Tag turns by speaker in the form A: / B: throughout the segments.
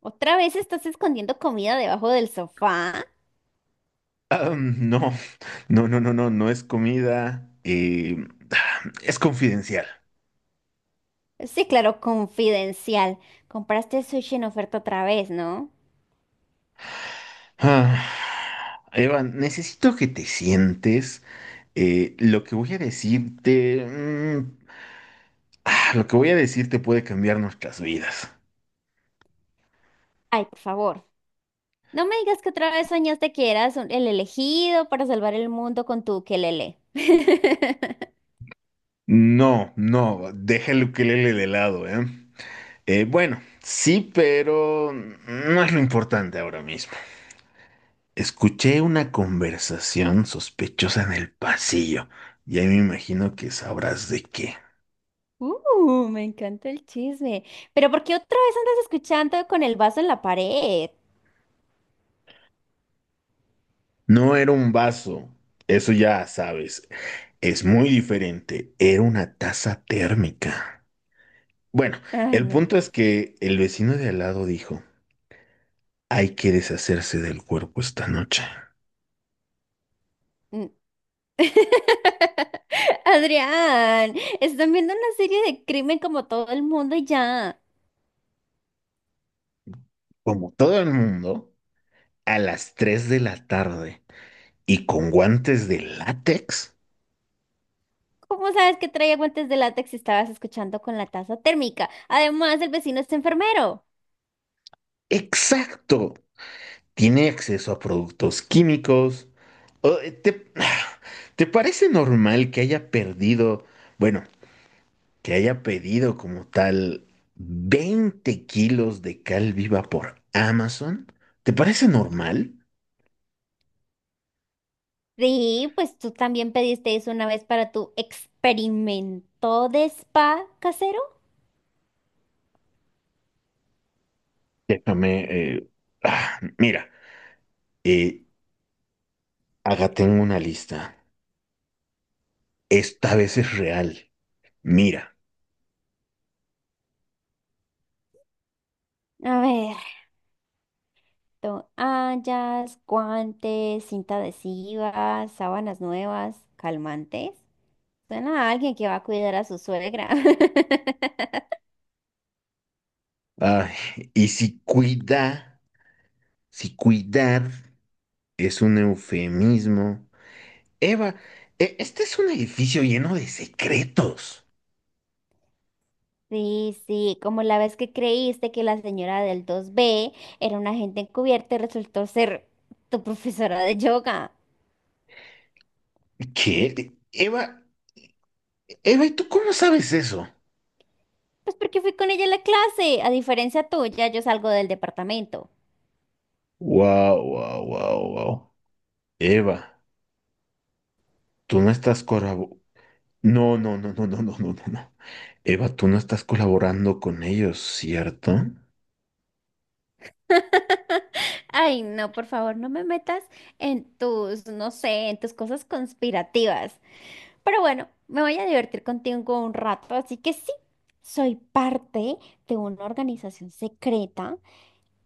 A: ¿Otra vez estás escondiendo comida debajo del sofá?
B: Ah, no, no, no, no, no, no es comida, es confidencial.
A: Sí, claro, confidencial. Compraste sushi en oferta otra vez, ¿no?
B: Ah, Eva, necesito que te sientes. Lo que voy a decirte, lo que voy a decirte puede cambiar nuestras vidas.
A: Ay, por favor. No me digas que otra vez soñaste que eras el elegido para salvar el mundo con tu ukelele.
B: No, no, deja el ukelele de lado, ¿eh? Bueno, sí, pero no es lo importante ahora mismo. Escuché una conversación sospechosa en el pasillo. Y ahí me imagino que sabrás de qué.
A: Me encanta el chisme. Pero ¿por qué otra vez andas escuchando con el vaso en la pared?
B: No era un vaso, eso ya sabes. Es muy diferente. Era una taza térmica. Bueno,
A: Ay,
B: el
A: no.
B: punto es que el vecino de al lado dijo, hay que deshacerse del cuerpo esta noche.
A: Mm. Adrián, están viendo una serie de crimen como todo el mundo y ya.
B: Como todo el mundo, a las 3 de la tarde y con guantes de látex.
A: ¿Cómo sabes que traía guantes de látex si estabas escuchando con la taza térmica? Además, el vecino es enfermero.
B: Exacto, tiene acceso a productos químicos. ¿O, te, te parece normal que bueno, que haya pedido como tal 20 kilos de cal viva por Amazon? ¿Te parece normal?
A: Sí, pues tú también pediste eso una vez para tu experimento de spa casero.
B: Déjame, ah, mira, eh, acá tengo una lista. Esta vez es real. Mira,
A: A ver, toallas, guantes, cinta adhesiva, sábanas nuevas, calmantes. Suena a alguien que va a cuidar a su suegra.
B: ay, y si cuida, si cuidar es un eufemismo. Eva, este es un edificio lleno de secretos.
A: Sí, sí, como la vez que creíste que la señora del 2B era una agente encubierta y resultó ser tu profesora de yoga.
B: ¿Qué? Eva, Eva, ¿y tú cómo sabes eso?
A: Pues porque fui con ella a la clase, a diferencia tuya, yo salgo del departamento.
B: Wow, wow, wow, wow. Eva, tú no estás corabo- no, no, no, no, no, no, no, no, no, Eva, tú no estás colaborando con ellos, ¿cierto?
A: Ay, no, por favor, no me metas en tus, no sé, en tus cosas conspirativas. Pero bueno, me voy a divertir contigo un rato, así que sí, soy parte de una organización secreta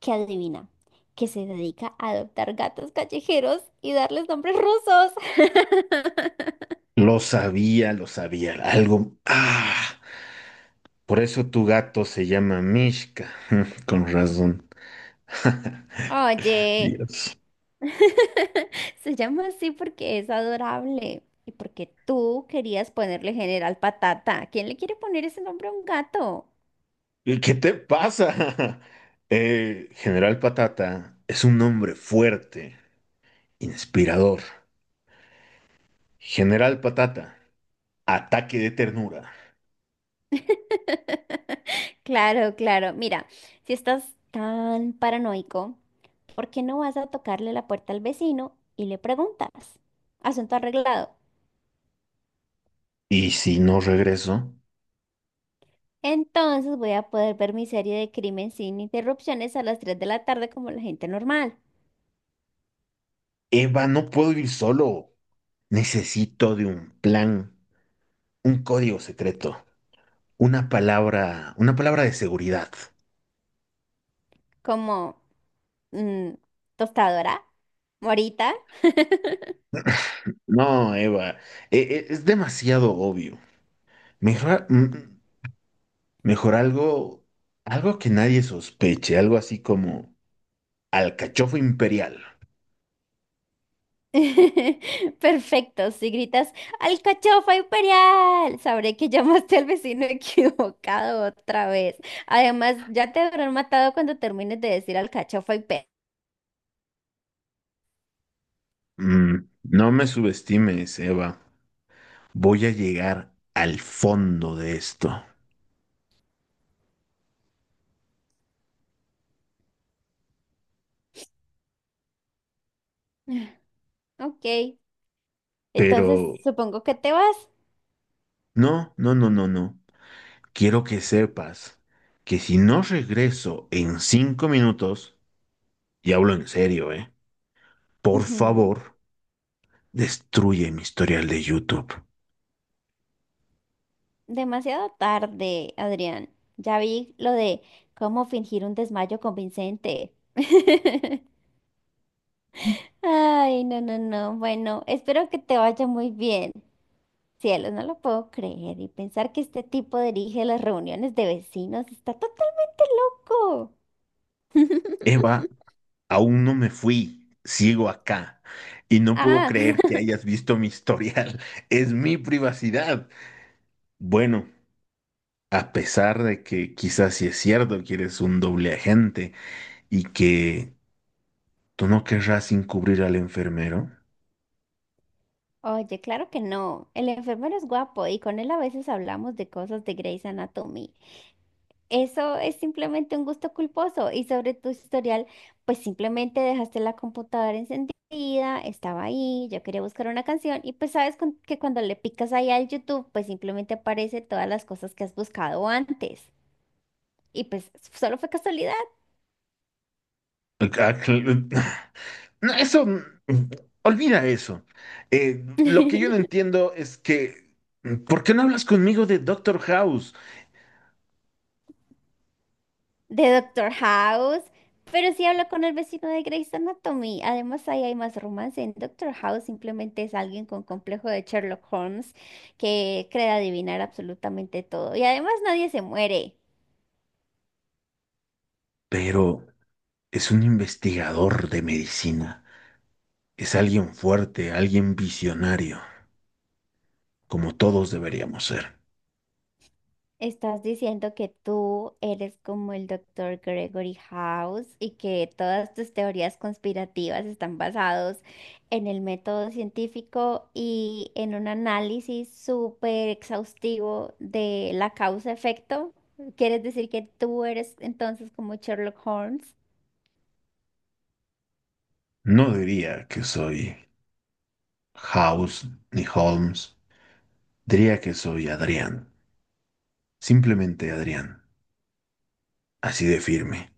A: que adivina, que se dedica a adoptar gatos callejeros y darles nombres rusos.
B: Lo sabía, lo sabía. Algo. Ah, por eso tu gato se llama Mishka. Con razón.
A: Oye,
B: Dios.
A: se llama así porque es adorable y porque tú querías ponerle General Patata. ¿Quién le quiere poner ese nombre a un gato?
B: ¿Y qué te pasa? General Patata es un hombre fuerte, inspirador. General Patata, ataque de ternura.
A: Claro, claro. Mira, si estás tan paranoico, ¿por qué no vas a tocarle la puerta al vecino y le preguntas? Asunto arreglado.
B: Y si no regreso,
A: Entonces voy a poder ver mi serie de crimen sin interrupciones a las 3 de la tarde como la gente normal,
B: Eva, no puedo ir solo. Necesito de un plan, un código secreto, una palabra de seguridad.
A: como mm, tostadora, morita.
B: No, Eva, es demasiado obvio. Mejor, mejor algo, algo que nadie sospeche, algo así como alcachofa imperial.
A: Perfecto, si gritas ¡Alcachofa Imperial! Sabré que llamaste al vecino equivocado otra vez. Además, ya te habrán matado cuando termines de decir alcachofa Imperial.
B: Mm, no me subestimes, Eva. Voy a llegar al fondo de esto.
A: Ok, entonces
B: Pero
A: supongo que te vas.
B: no, no, no, no, no. Quiero que sepas que si no regreso en 5 minutos, y hablo en serio, ¿eh? Por favor, destruye mi historial de YouTube.
A: Demasiado tarde, Adrián. Ya vi lo de cómo fingir un desmayo convincente. Ay, no, no, no. Bueno, espero que te vaya muy bien. Cielos, no lo puedo creer y pensar que este tipo dirige las reuniones de vecinos está total loco.
B: Eva, aún no me fui. Sigo acá. Y no puedo
A: Ah,
B: creer que hayas visto mi historial. Es mi privacidad. Bueno, a pesar de que quizás sí es cierto que eres un doble agente y que tú no querrás encubrir al enfermero.
A: oye, claro que no. El enfermero es guapo y con él a veces hablamos de cosas de Grey's Anatomy. Eso es simplemente un gusto culposo y sobre tu historial, pues simplemente dejaste la computadora encendida, estaba ahí, yo quería buscar una canción y pues que cuando le picas ahí al YouTube, pues simplemente aparece todas las cosas que has buscado antes y pues solo fue casualidad.
B: Ok, ah, no, eso, olvida eso. Lo que yo no entiendo es que, ¿por qué no hablas conmigo de Doctor House?
A: De Doctor House, pero sí hablo con el vecino de Grey's Anatomy. Además, ahí hay más romance. En Doctor House simplemente es alguien con complejo de Sherlock Holmes que cree adivinar absolutamente todo. Y además nadie se muere.
B: Pero es un investigador de medicina. Es alguien fuerte, alguien visionario, como todos deberíamos ser.
A: Estás diciendo que tú eres como el doctor Gregory House y que todas tus teorías conspirativas están basados en el método científico y en un análisis súper exhaustivo de la causa-efecto. ¿Quieres decir que tú eres entonces como Sherlock Holmes?
B: No diría que soy House ni Holmes. Diría que soy Adrián, simplemente Adrián, así de firme.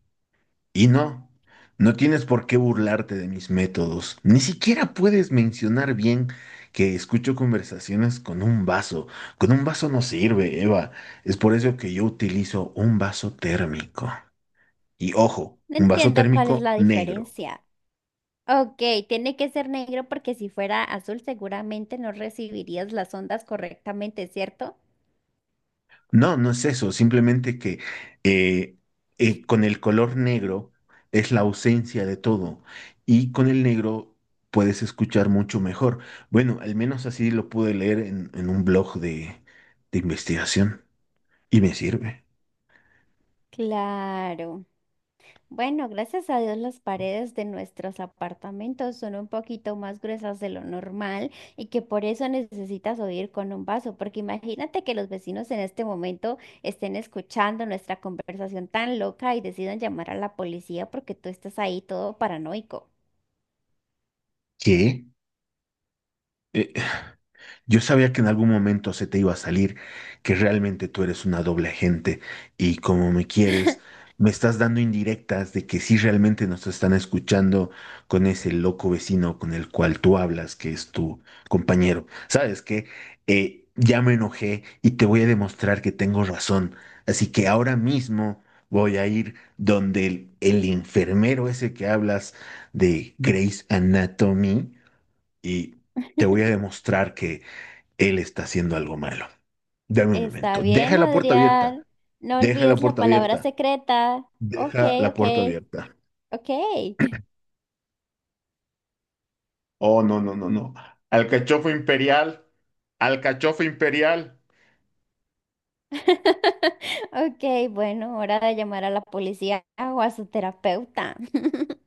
B: Y no, no tienes por qué burlarte de mis métodos, ni siquiera puedes mencionar bien que escucho conversaciones con un vaso. Con un vaso no sirve, Eva, es por eso que yo utilizo un vaso térmico. Y ojo,
A: No
B: un vaso
A: entiendo cuál es
B: térmico
A: la
B: negro.
A: diferencia. Ok, tiene que ser negro porque si fuera azul seguramente no recibirías las ondas correctamente, ¿cierto?
B: No, no es eso, simplemente que eh, con el color negro es la ausencia de todo y con el negro puedes escuchar mucho mejor. Bueno, al menos así lo pude leer en, un blog de, investigación y me sirve.
A: Claro. Bueno, gracias a Dios las paredes de nuestros apartamentos son un poquito más gruesas de lo normal y que por eso necesitas oír con un vaso, porque imagínate que los vecinos en este momento estén escuchando nuestra conversación tan loca y decidan llamar a la policía porque tú estás ahí todo paranoico.
B: ¿Qué? Eh, Yo sabía que en algún momento se te iba a salir, que realmente tú eres una doble agente y como me quieres, me estás dando indirectas de que sí realmente nos están escuchando con ese loco vecino con el cual tú hablas, que es tu compañero. ¿Sabes qué? Ya me enojé y te voy a demostrar que tengo razón. Así que ahora mismo voy a ir donde el enfermero ese que hablas de Grey's Anatomy y te voy a demostrar que él está haciendo algo malo. Dame un
A: Está
B: momento. Deja
A: bien,
B: la puerta
A: Adrián.
B: abierta.
A: No
B: Deja la
A: olvides la
B: puerta
A: palabra
B: abierta.
A: secreta. Ok,
B: Deja la
A: ok,
B: puerta abierta.
A: ok.
B: Oh, no, no, no, no. ¡Alcachofo imperial! ¡Alcachofo imperial!
A: Ok, bueno, hora de llamar a la policía o a su terapeuta.